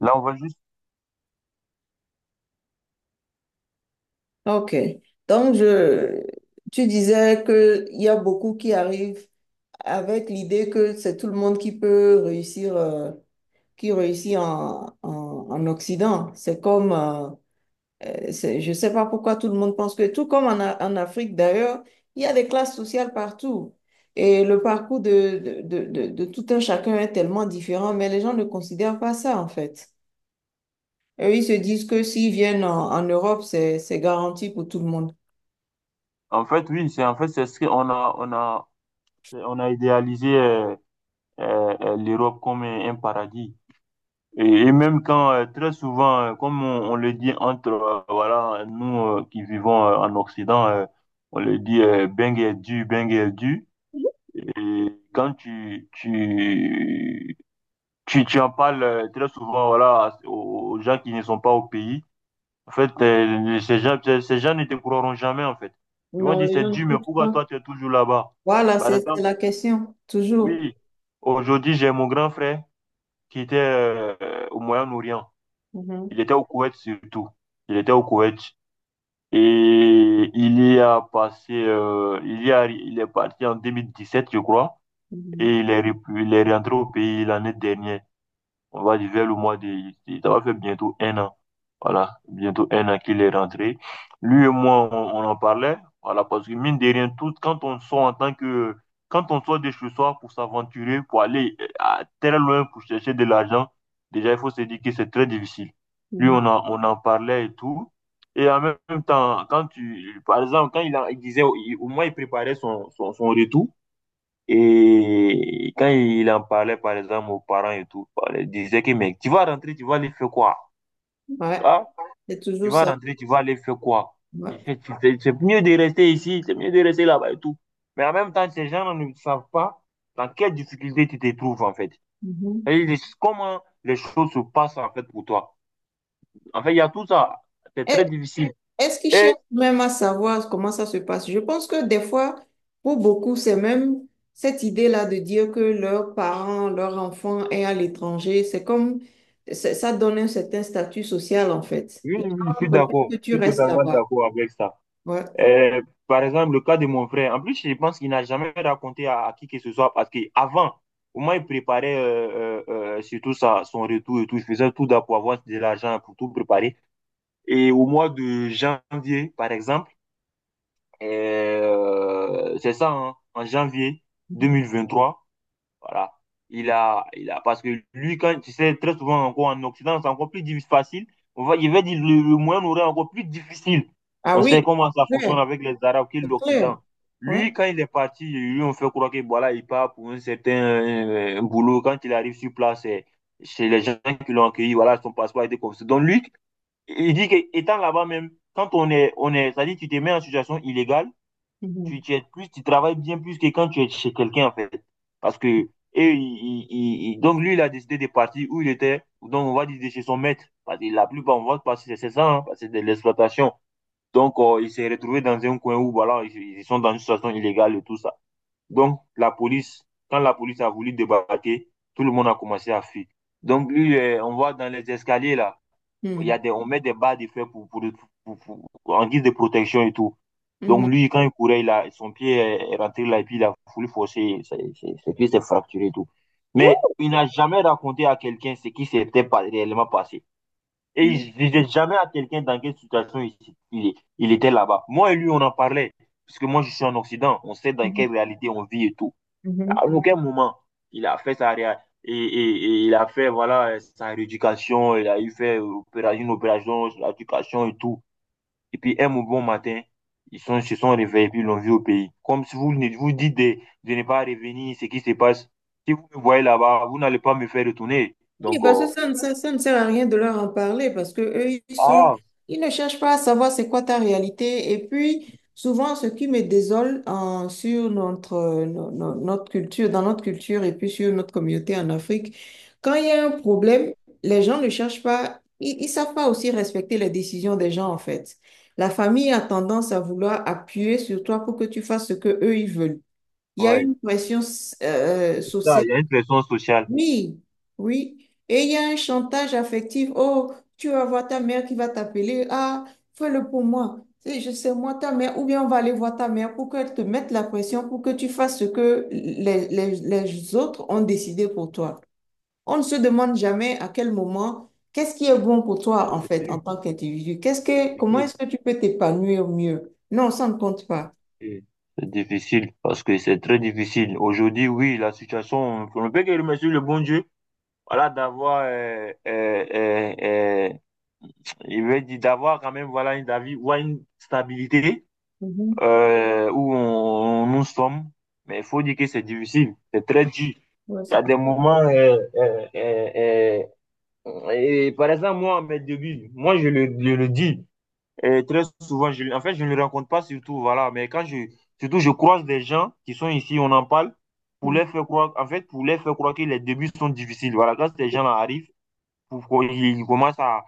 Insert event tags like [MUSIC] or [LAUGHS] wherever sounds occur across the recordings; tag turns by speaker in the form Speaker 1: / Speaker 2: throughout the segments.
Speaker 1: Là, on va juste.
Speaker 2: Ok. Donc, tu disais que il y a beaucoup qui arrivent avec l'idée que c'est tout le monde qui peut réussir, qui réussit en Occident. C'est comme, je sais pas pourquoi tout le monde pense que, tout comme en Afrique d'ailleurs, il y a des classes sociales partout. Et le parcours de tout un chacun est tellement différent, mais les gens ne considèrent pas ça en fait. Eux, ils se disent que s'ils viennent en Europe, c'est garanti pour tout le monde.
Speaker 1: En fait, oui, c'est en fait c'est ce qu'on a idéalisé l'Europe comme un paradis. Et même quand très souvent, comme on le dit entre voilà nous qui vivons en Occident, on le dit bang et du bang et du. Et quand tu en parles très souvent voilà aux gens qui ne sont pas au pays. En fait, ces gens ne te croiront jamais, en fait. Ils vont
Speaker 2: Non,
Speaker 1: dire,
Speaker 2: les gens
Speaker 1: c'est Dieu, mais
Speaker 2: n'écoutent
Speaker 1: pourquoi
Speaker 2: pas.
Speaker 1: toi, tu es toujours là-bas?
Speaker 2: Voilà,
Speaker 1: Par
Speaker 2: c'est
Speaker 1: exemple,
Speaker 2: la question, toujours.
Speaker 1: oui, aujourd'hui, j'ai mon grand frère qui était au Moyen-Orient.
Speaker 2: Mhm,
Speaker 1: Il était au Koweït surtout. Il était au Koweït. Et il y a passé, il y a, il est parti en 2017, je crois,
Speaker 2: mhm,
Speaker 1: et il est rentré au pays l'année dernière. On va dire vers le mois de. Ça va faire bientôt un an. Voilà, bientôt un an qu'il est rentré. Lui et moi, on en parlait. Voilà, parce que mine de rien, tout, quand on sort en tant que. Quand on sort de chez soi pour s'aventurer, pour aller à très loin pour chercher de l'argent, déjà, il faut se dire que c'est très difficile. Lui,
Speaker 2: mhm.
Speaker 1: on en parlait et tout. Et en même temps, quand tu. Par exemple, quand il, a- il disait... il- au moins, il préparait son retour. Et quand il en parlait, par exemple, aux parents et tout, il disait que, mec, tu vas rentrer, tu vas aller faire quoi?
Speaker 2: Ouais,
Speaker 1: Ah,
Speaker 2: c'est
Speaker 1: tu
Speaker 2: toujours
Speaker 1: vas
Speaker 2: ça.
Speaker 1: rentrer, tu vas aller faire quoi?
Speaker 2: Ouais.
Speaker 1: C'est mieux de rester ici, c'est mieux de rester là-bas et tout. Mais en même temps, ces gens ne savent pas dans quelle difficulté tu te trouves, en fait.
Speaker 2: Mhm.
Speaker 1: Comment les choses se passent, en fait, pour toi. En fait, il y a tout ça. C'est
Speaker 2: Est-
Speaker 1: très difficile.
Speaker 2: Est-ce qu'ils cherchent
Speaker 1: Et
Speaker 2: même à savoir comment ça se passe? Je pense que des fois, pour beaucoup, c'est même cette idée-là de dire que leurs parents, leur enfant est à l'étranger. C'est comme, ça donne un certain statut social, en fait.
Speaker 1: oui,
Speaker 2: Les
Speaker 1: oui, je
Speaker 2: gens
Speaker 1: suis
Speaker 2: préfèrent que
Speaker 1: d'accord. Je
Speaker 2: tu
Speaker 1: suis
Speaker 2: restes
Speaker 1: totalement
Speaker 2: là-bas.
Speaker 1: d'accord avec ça.
Speaker 2: Ouais.
Speaker 1: Par exemple, le cas de mon frère. En plus, je pense qu'il n'a jamais raconté à qui que ce soit parce qu'avant, au moins, il préparait surtout sa, son retour et tout. Il faisait tout d'abord pour avoir de l'argent, pour tout préparer. Et au mois de janvier, par exemple, c'est ça, hein, en janvier deux
Speaker 2: Mhm.
Speaker 1: mille vingt trois voilà. Parce que lui, quand tu sais, très souvent encore en Occident, c'est encore plus difficile, facile. Il va dire le moyen aurait encore plus difficile.
Speaker 2: Ah
Speaker 1: On
Speaker 2: oui,
Speaker 1: sait comment ça
Speaker 2: c'est clair,
Speaker 1: fonctionne avec les Arabes qui est
Speaker 2: c'est clair.
Speaker 1: l'Occident.
Speaker 2: Ouais.
Speaker 1: Lui, quand il est parti, lui, on fait croire que voilà, il part pour un certain un boulot. Quand il arrive sur place, chez les gens qui l'ont accueilli, voilà, son passeport a été confisqué. Donc lui, il dit que étant là-bas même, quand on est, c'est-à-dire tu te mets en situation illégale,
Speaker 2: Mhm.
Speaker 1: tu aides plus, tu travailles bien plus que quand tu es chez quelqu'un, en fait. Parce que, et, il- donc lui, il a décidé de partir où il était, donc on va dire de chez son maître. Parce que la plupart, on va passer, c'est ça, hein, parce que c'est de l'exploitation. Donc, il s'est retrouvé dans un coin où, voilà, ils sont dans une situation illégale et tout ça. Donc, quand la police a voulu débarquer, tout le monde a commencé à fuir. Donc, lui, on voit dans les escaliers, là, il y
Speaker 2: Hmm.
Speaker 1: a des, on met des barres de fer pour- en guise de protection et tout.
Speaker 2: Mhm.
Speaker 1: Donc lui, quand il courait, son pied est rentré là et puis il a voulu forcer, ses pieds s'est fracturé et tout. Mais il n'a jamais raconté à quelqu'un ce qui s'était réellement passé. Et il
Speaker 2: Mhm.
Speaker 1: ne disait jamais à quelqu'un dans quelle situation il était là-bas. Moi et lui, on en parlait. Parce que moi, je suis en Occident. On sait dans quelle réalité on vit et tout. À
Speaker 2: Mhm.
Speaker 1: aucun moment, il a fait sa réa- et il a fait voilà sa rééducation, il a eu fait opéra- une opération sur l'éducation et tout. Et puis un bon matin, ils sont, se sont réveillés et puis ils l'ont vu au pays. Comme si vous dites de ne pas revenir, ce qui se passe. Si vous me voyez là-bas, vous n'allez pas me faire retourner.
Speaker 2: Oui,
Speaker 1: Donc,
Speaker 2: parce que ça ne sert à rien de leur en parler parce que eux, ils sont,
Speaker 1: ah,
Speaker 2: ils ne cherchent pas à savoir c'est quoi ta réalité. Et puis, souvent, ce qui me désole sur notre, notre culture, dans notre culture et puis sur notre communauté en Afrique, quand il y a un problème, les gens ne cherchent pas, ils savent pas aussi respecter les décisions des gens, en fait. La famille a tendance à vouloir appuyer sur toi pour que tu fasses ce que eux, ils veulent. Il y a
Speaker 1: ouais,
Speaker 2: une pression
Speaker 1: ça,
Speaker 2: sociale.
Speaker 1: il y a une pression sociale.
Speaker 2: Oui, oui. Et il y a un chantage affectif. Oh, tu vas voir ta mère qui va t'appeler. Ah, fais-le pour moi. Et je sais, moi, ta mère, ou bien on va aller voir ta mère pour qu'elle te mette la pression, pour que tu fasses ce que les autres ont décidé pour toi. On ne se demande jamais à quel moment, qu'est-ce qui est bon pour toi,
Speaker 1: Mais
Speaker 2: en
Speaker 1: c'est
Speaker 2: fait, en
Speaker 1: dur,
Speaker 2: tant qu'individu. Comment
Speaker 1: compliqué.
Speaker 2: est-ce que tu peux t'épanouir mieux? Non, ça ne compte pas.
Speaker 1: Et c'est difficile parce que c'est très difficile. Aujourd'hui, oui, la situation, on ne peut que remercier le bon Dieu. Voilà, d'avoir, il veut dire d'avoir quand même, voilà, ouais, une stabilité
Speaker 2: Mhm.
Speaker 1: où on, nous sommes. Mais il faut dire que c'est difficile, c'est très dur.
Speaker 2: Ouais,
Speaker 1: Il y
Speaker 2: c'est-
Speaker 1: a des moments, et par exemple, moi, à mes débuts, moi, je le dis très souvent, en fait, je ne le rencontre pas surtout, voilà, mais quand je, surtout, je croise des gens qui sont ici, on en parle, pour
Speaker 2: Mhm.
Speaker 1: les faire croire, en fait, pour les faire croire que les débuts sont difficiles, voilà, quand ces gens-là arrivent, il commence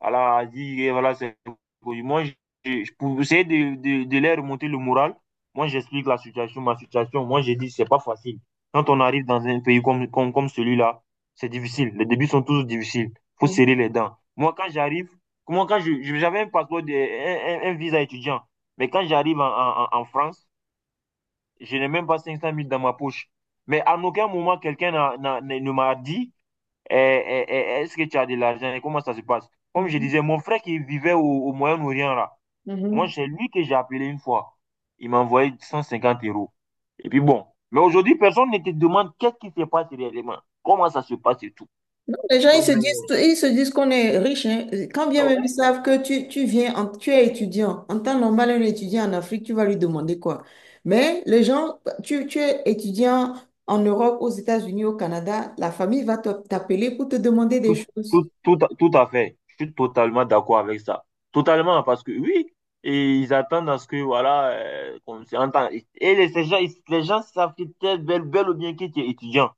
Speaker 1: à la à dire, eh, voilà, c'est. Moi, pour essayer de leur remonter le moral, moi, j'explique la situation, ma situation. Moi, j'ai dit, c'est pas facile. Quand on arrive dans un pays comme celui-là, c'est difficile. Les débuts sont toujours difficiles. Il faut serrer les dents. Moi, quand j'arrive, comment quand je, j'avais un passeport, un visa étudiant, mais quand j'arrive en France, je n'ai même pas 500 mille dans ma poche. Mais à aucun moment, quelqu'un ne m'a dit euh, euh, est-ce que tu as de l'argent et comment ça se passe? Comme je
Speaker 2: Mhm.
Speaker 1: disais, mon frère qui vivait au Moyen-Orient, là, moi,
Speaker 2: Mhm.
Speaker 1: c'est lui que j'ai appelé une fois. Il m'a envoyé 150 euros. Et puis bon. Mais aujourd'hui, personne ne te demande qu'est-ce qui se passe réellement, comment ça se passe et tout.
Speaker 2: Non, les gens,
Speaker 1: Donc, mais,
Speaker 2: ils se disent qu'on est riche, hein. Quand bien même
Speaker 1: ouais,
Speaker 2: ils savent que tu viens, tu es étudiant. En temps normal, un étudiant en Afrique, tu vas lui demander quoi? Mais les gens, tu es étudiant en Europe, aux États-Unis, au Canada, la famille va t'appeler pour te demander des
Speaker 1: tout,
Speaker 2: choses.
Speaker 1: tout à fait. Je suis totalement d'accord avec ça. Totalement, parce que oui, et ils attendent à ce que, voilà, qu'on s'entende. Les gens savent que t'es bel ou bien que tu es étudiant.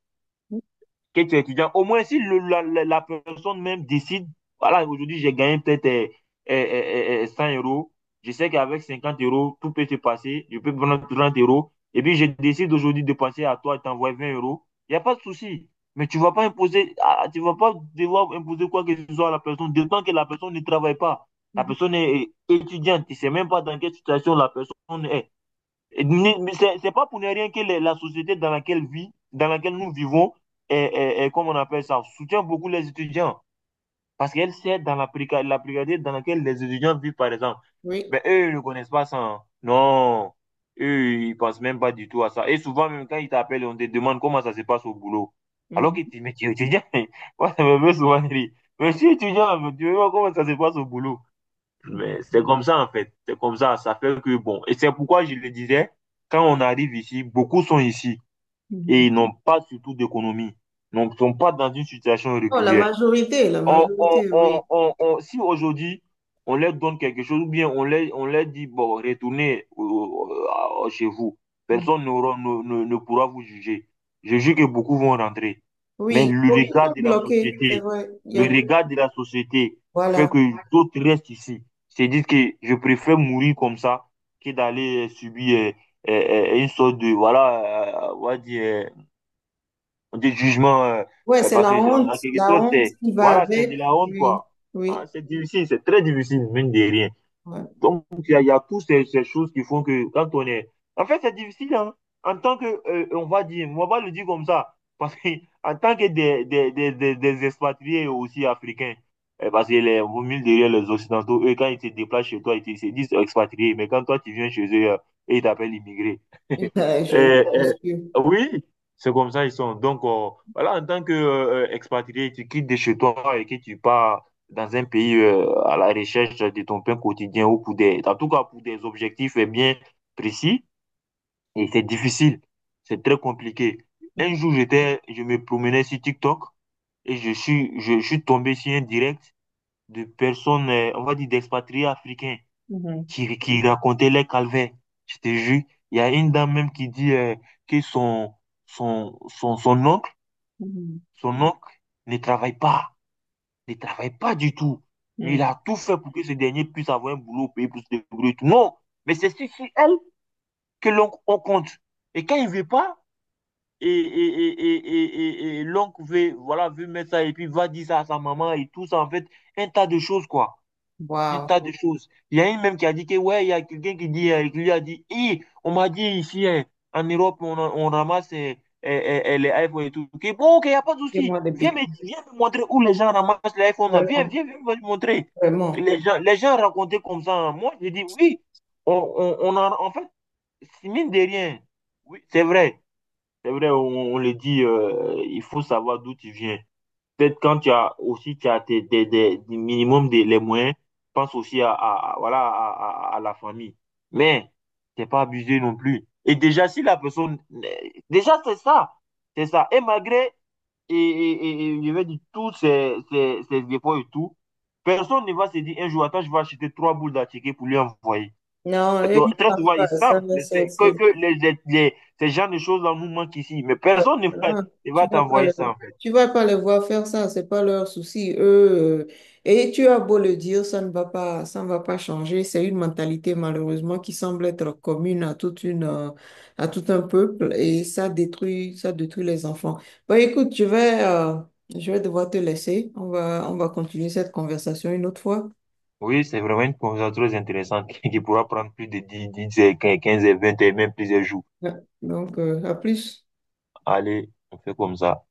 Speaker 1: Que tu es étudiant, au moins si la personne même décide, voilà, aujourd'hui j'ai gagné peut-être 100 euros, je sais qu'avec 50 euros, tout peut se passer, je peux prendre 30 euros, et puis je décide aujourd'hui de penser à toi et t'envoyer 20 euros, il n'y a pas de souci. Mais tu ne vas pas imposer, tu vas pas devoir imposer quoi que ce soit à la personne, d'autant que la personne ne travaille pas. La
Speaker 2: Mhm.
Speaker 1: personne est étudiante, tu ne sais même pas dans quelle situation la personne est. C'est pas pour ne rien que la société dans laquelle vit, dans laquelle nous vivons, et comme on appelle ça, soutient beaucoup les étudiants. Parce qu'elle sait dans la précarité dans laquelle les étudiants vivent, par exemple.
Speaker 2: Oui.
Speaker 1: Mais eux, ils ne connaissent pas ça. Hein. Non. Eux, ils ne pensent même pas du tout à ça. Et souvent, même quand ils t'appellent, on te demande comment ça se passe au boulot. Alors que tu,
Speaker 2: Mhm.
Speaker 1: tu es étudiant. [LAUGHS] Moi, ça me fait souvent rire. Mais je suis étudiant, mais tu veux voir comment ça se passe au boulot. Mais c'est comme ça, en fait. C'est comme ça. Ça fait que, bon, et c'est pourquoi je le disais, quand on arrive ici, beaucoup sont ici et
Speaker 2: Mhm.
Speaker 1: ils n'ont pas surtout d'économie. Donc, ils ne sont pas dans une situation
Speaker 2: Oh,
Speaker 1: régulière.
Speaker 2: la
Speaker 1: on, on,
Speaker 2: majorité,
Speaker 1: on,
Speaker 2: oui.
Speaker 1: on, on- si aujourd'hui, on leur donne quelque chose, ou bien on leur dit, bon, retournez chez vous, personne
Speaker 2: Mhm.
Speaker 1: ne pourra vous juger. Je jure que beaucoup vont rentrer. Mais
Speaker 2: Oui,
Speaker 1: le oui,
Speaker 2: beaucoup
Speaker 1: regard
Speaker 2: sont
Speaker 1: de la
Speaker 2: bloqués, c'est
Speaker 1: société,
Speaker 2: vrai. Il y
Speaker 1: le
Speaker 2: a...
Speaker 1: regard de la société fait
Speaker 2: Voilà.
Speaker 1: que d'autres restent ici. C'est dire que je préfère mourir comme ça que d'aller subir une sorte de, voilà, on va dire, des jugements,
Speaker 2: Ouais, c'est
Speaker 1: parce que en, en quelque
Speaker 2: la
Speaker 1: sorte,
Speaker 2: honte
Speaker 1: c'est,
Speaker 2: qui va
Speaker 1: voilà, c'est de
Speaker 2: avec.
Speaker 1: la honte,
Speaker 2: Oui,
Speaker 1: quoi. Hein,
Speaker 2: oui.
Speaker 1: c'est difficile, c'est très difficile, mine de rien.
Speaker 2: Ouais.
Speaker 1: Donc, il y a toutes ces choses qui font que quand on est. En fait, c'est difficile, hein. En tant que, on va dire, on va le dire comme ça, parce que [LAUGHS] en tant que des expatriés aussi africains, parce que les, vous mille derrière les Occidentaux, eux, quand ils se déplacent chez toi, ils se disent expatriés, mais quand toi, tu viens chez eux, ils t'appellent immigré.
Speaker 2: [LAUGHS]
Speaker 1: Et,
Speaker 2: Je
Speaker 1: et-
Speaker 2: pense que
Speaker 1: oui, c'est comme ça ils sont. Donc, voilà, en tant que expatrié, tu quittes de chez toi et que tu pars dans un pays à la recherche de ton pain quotidien ou pour des, en tout cas pour des objectifs eh bien précis. Et c'est difficile, c'est très compliqué. Un jour, j'étais, je me promenais sur TikTok et je suis tombé sur un direct de personnes, on va dire, d'expatriés africains
Speaker 2: mhm,
Speaker 1: qui racontait les calvaires. Je te jure, il y a une dame même qui dit que son oncle,
Speaker 2: mhm,
Speaker 1: son oncle, ne travaille pas, ne travaille pas du tout.
Speaker 2: mhm.
Speaker 1: Il a tout fait pour que ce dernier puisse avoir un boulot, payer plus de débrouiller et tout. Non, mais c'est sur elle que l'oncle on compte. Et quand il ne veut pas, et l'oncle veut, voilà, veut mettre ça et puis va dire ça à sa maman et tout ça, en fait, un tas de choses, quoi. Un
Speaker 2: Wow.
Speaker 1: tas de choses. Il y a une même qui a dit que, ouais, il y a quelqu'un qui dit, qui lui a dit, Hi, on m'a dit ici, en Europe, on ramasse les iPhones et tout. Ok, bon, ok, il n'y a pas de
Speaker 2: Fais-moi
Speaker 1: souci.
Speaker 2: des
Speaker 1: Viens me,
Speaker 2: bêtises.
Speaker 1: viens me montrer où les gens ramassent les iPhones là. Viens,
Speaker 2: Vraiment,
Speaker 1: viens, viens me montrer.
Speaker 2: vraiment.
Speaker 1: Les gens racontaient comme ça. Hein. Moi, je dis, oui, on en, en fait, c'est mine de rien. Oui, c'est vrai. C'est vrai, on le dit, il faut savoir d'où tu viens. Peut-être quand tu as aussi tu as tes, des minimum des, les moyens, pense aussi voilà, à la famille. Mais t'es pas abusé non plus. Et déjà, si la personne. Déjà, c'est ça. C'est ça. Et malgré, et je vais dire, tous ces efforts et tout, personne ne va se dire un jour, attends, je vais acheter trois boules d'attiqué pour lui envoyer.
Speaker 2: Non, je
Speaker 1: Donc,
Speaker 2: ne
Speaker 1: très
Speaker 2: pense
Speaker 1: souvent,
Speaker 2: pas
Speaker 1: ils
Speaker 2: ça,
Speaker 1: savent mais que,
Speaker 2: c'est-
Speaker 1: que ces genres de choses-là nous manquent ici. Mais
Speaker 2: Ouais,
Speaker 1: personne ne va,
Speaker 2: hein,
Speaker 1: ne
Speaker 2: tu
Speaker 1: va
Speaker 2: vas pas
Speaker 1: t'envoyer
Speaker 2: le,
Speaker 1: ça.
Speaker 2: tu vas pas les voir faire ça, c'est pas leur souci. Eux, et tu as beau le dire, ça ne va pas changer. C'est une mentalité malheureusement qui semble être commune à toute une, à tout un peuple et ça détruit les enfants. Bon, écoute, je vais devoir te laisser. On va continuer cette conversation une autre fois.
Speaker 1: Oui, c'est vraiment une conversation très intéressante [LAUGHS] qui pourra prendre plus de 10, 10, 15, 20 et même plusieurs jours.
Speaker 2: Ouais. Donc, à plus.
Speaker 1: Allez, on fait comme ça.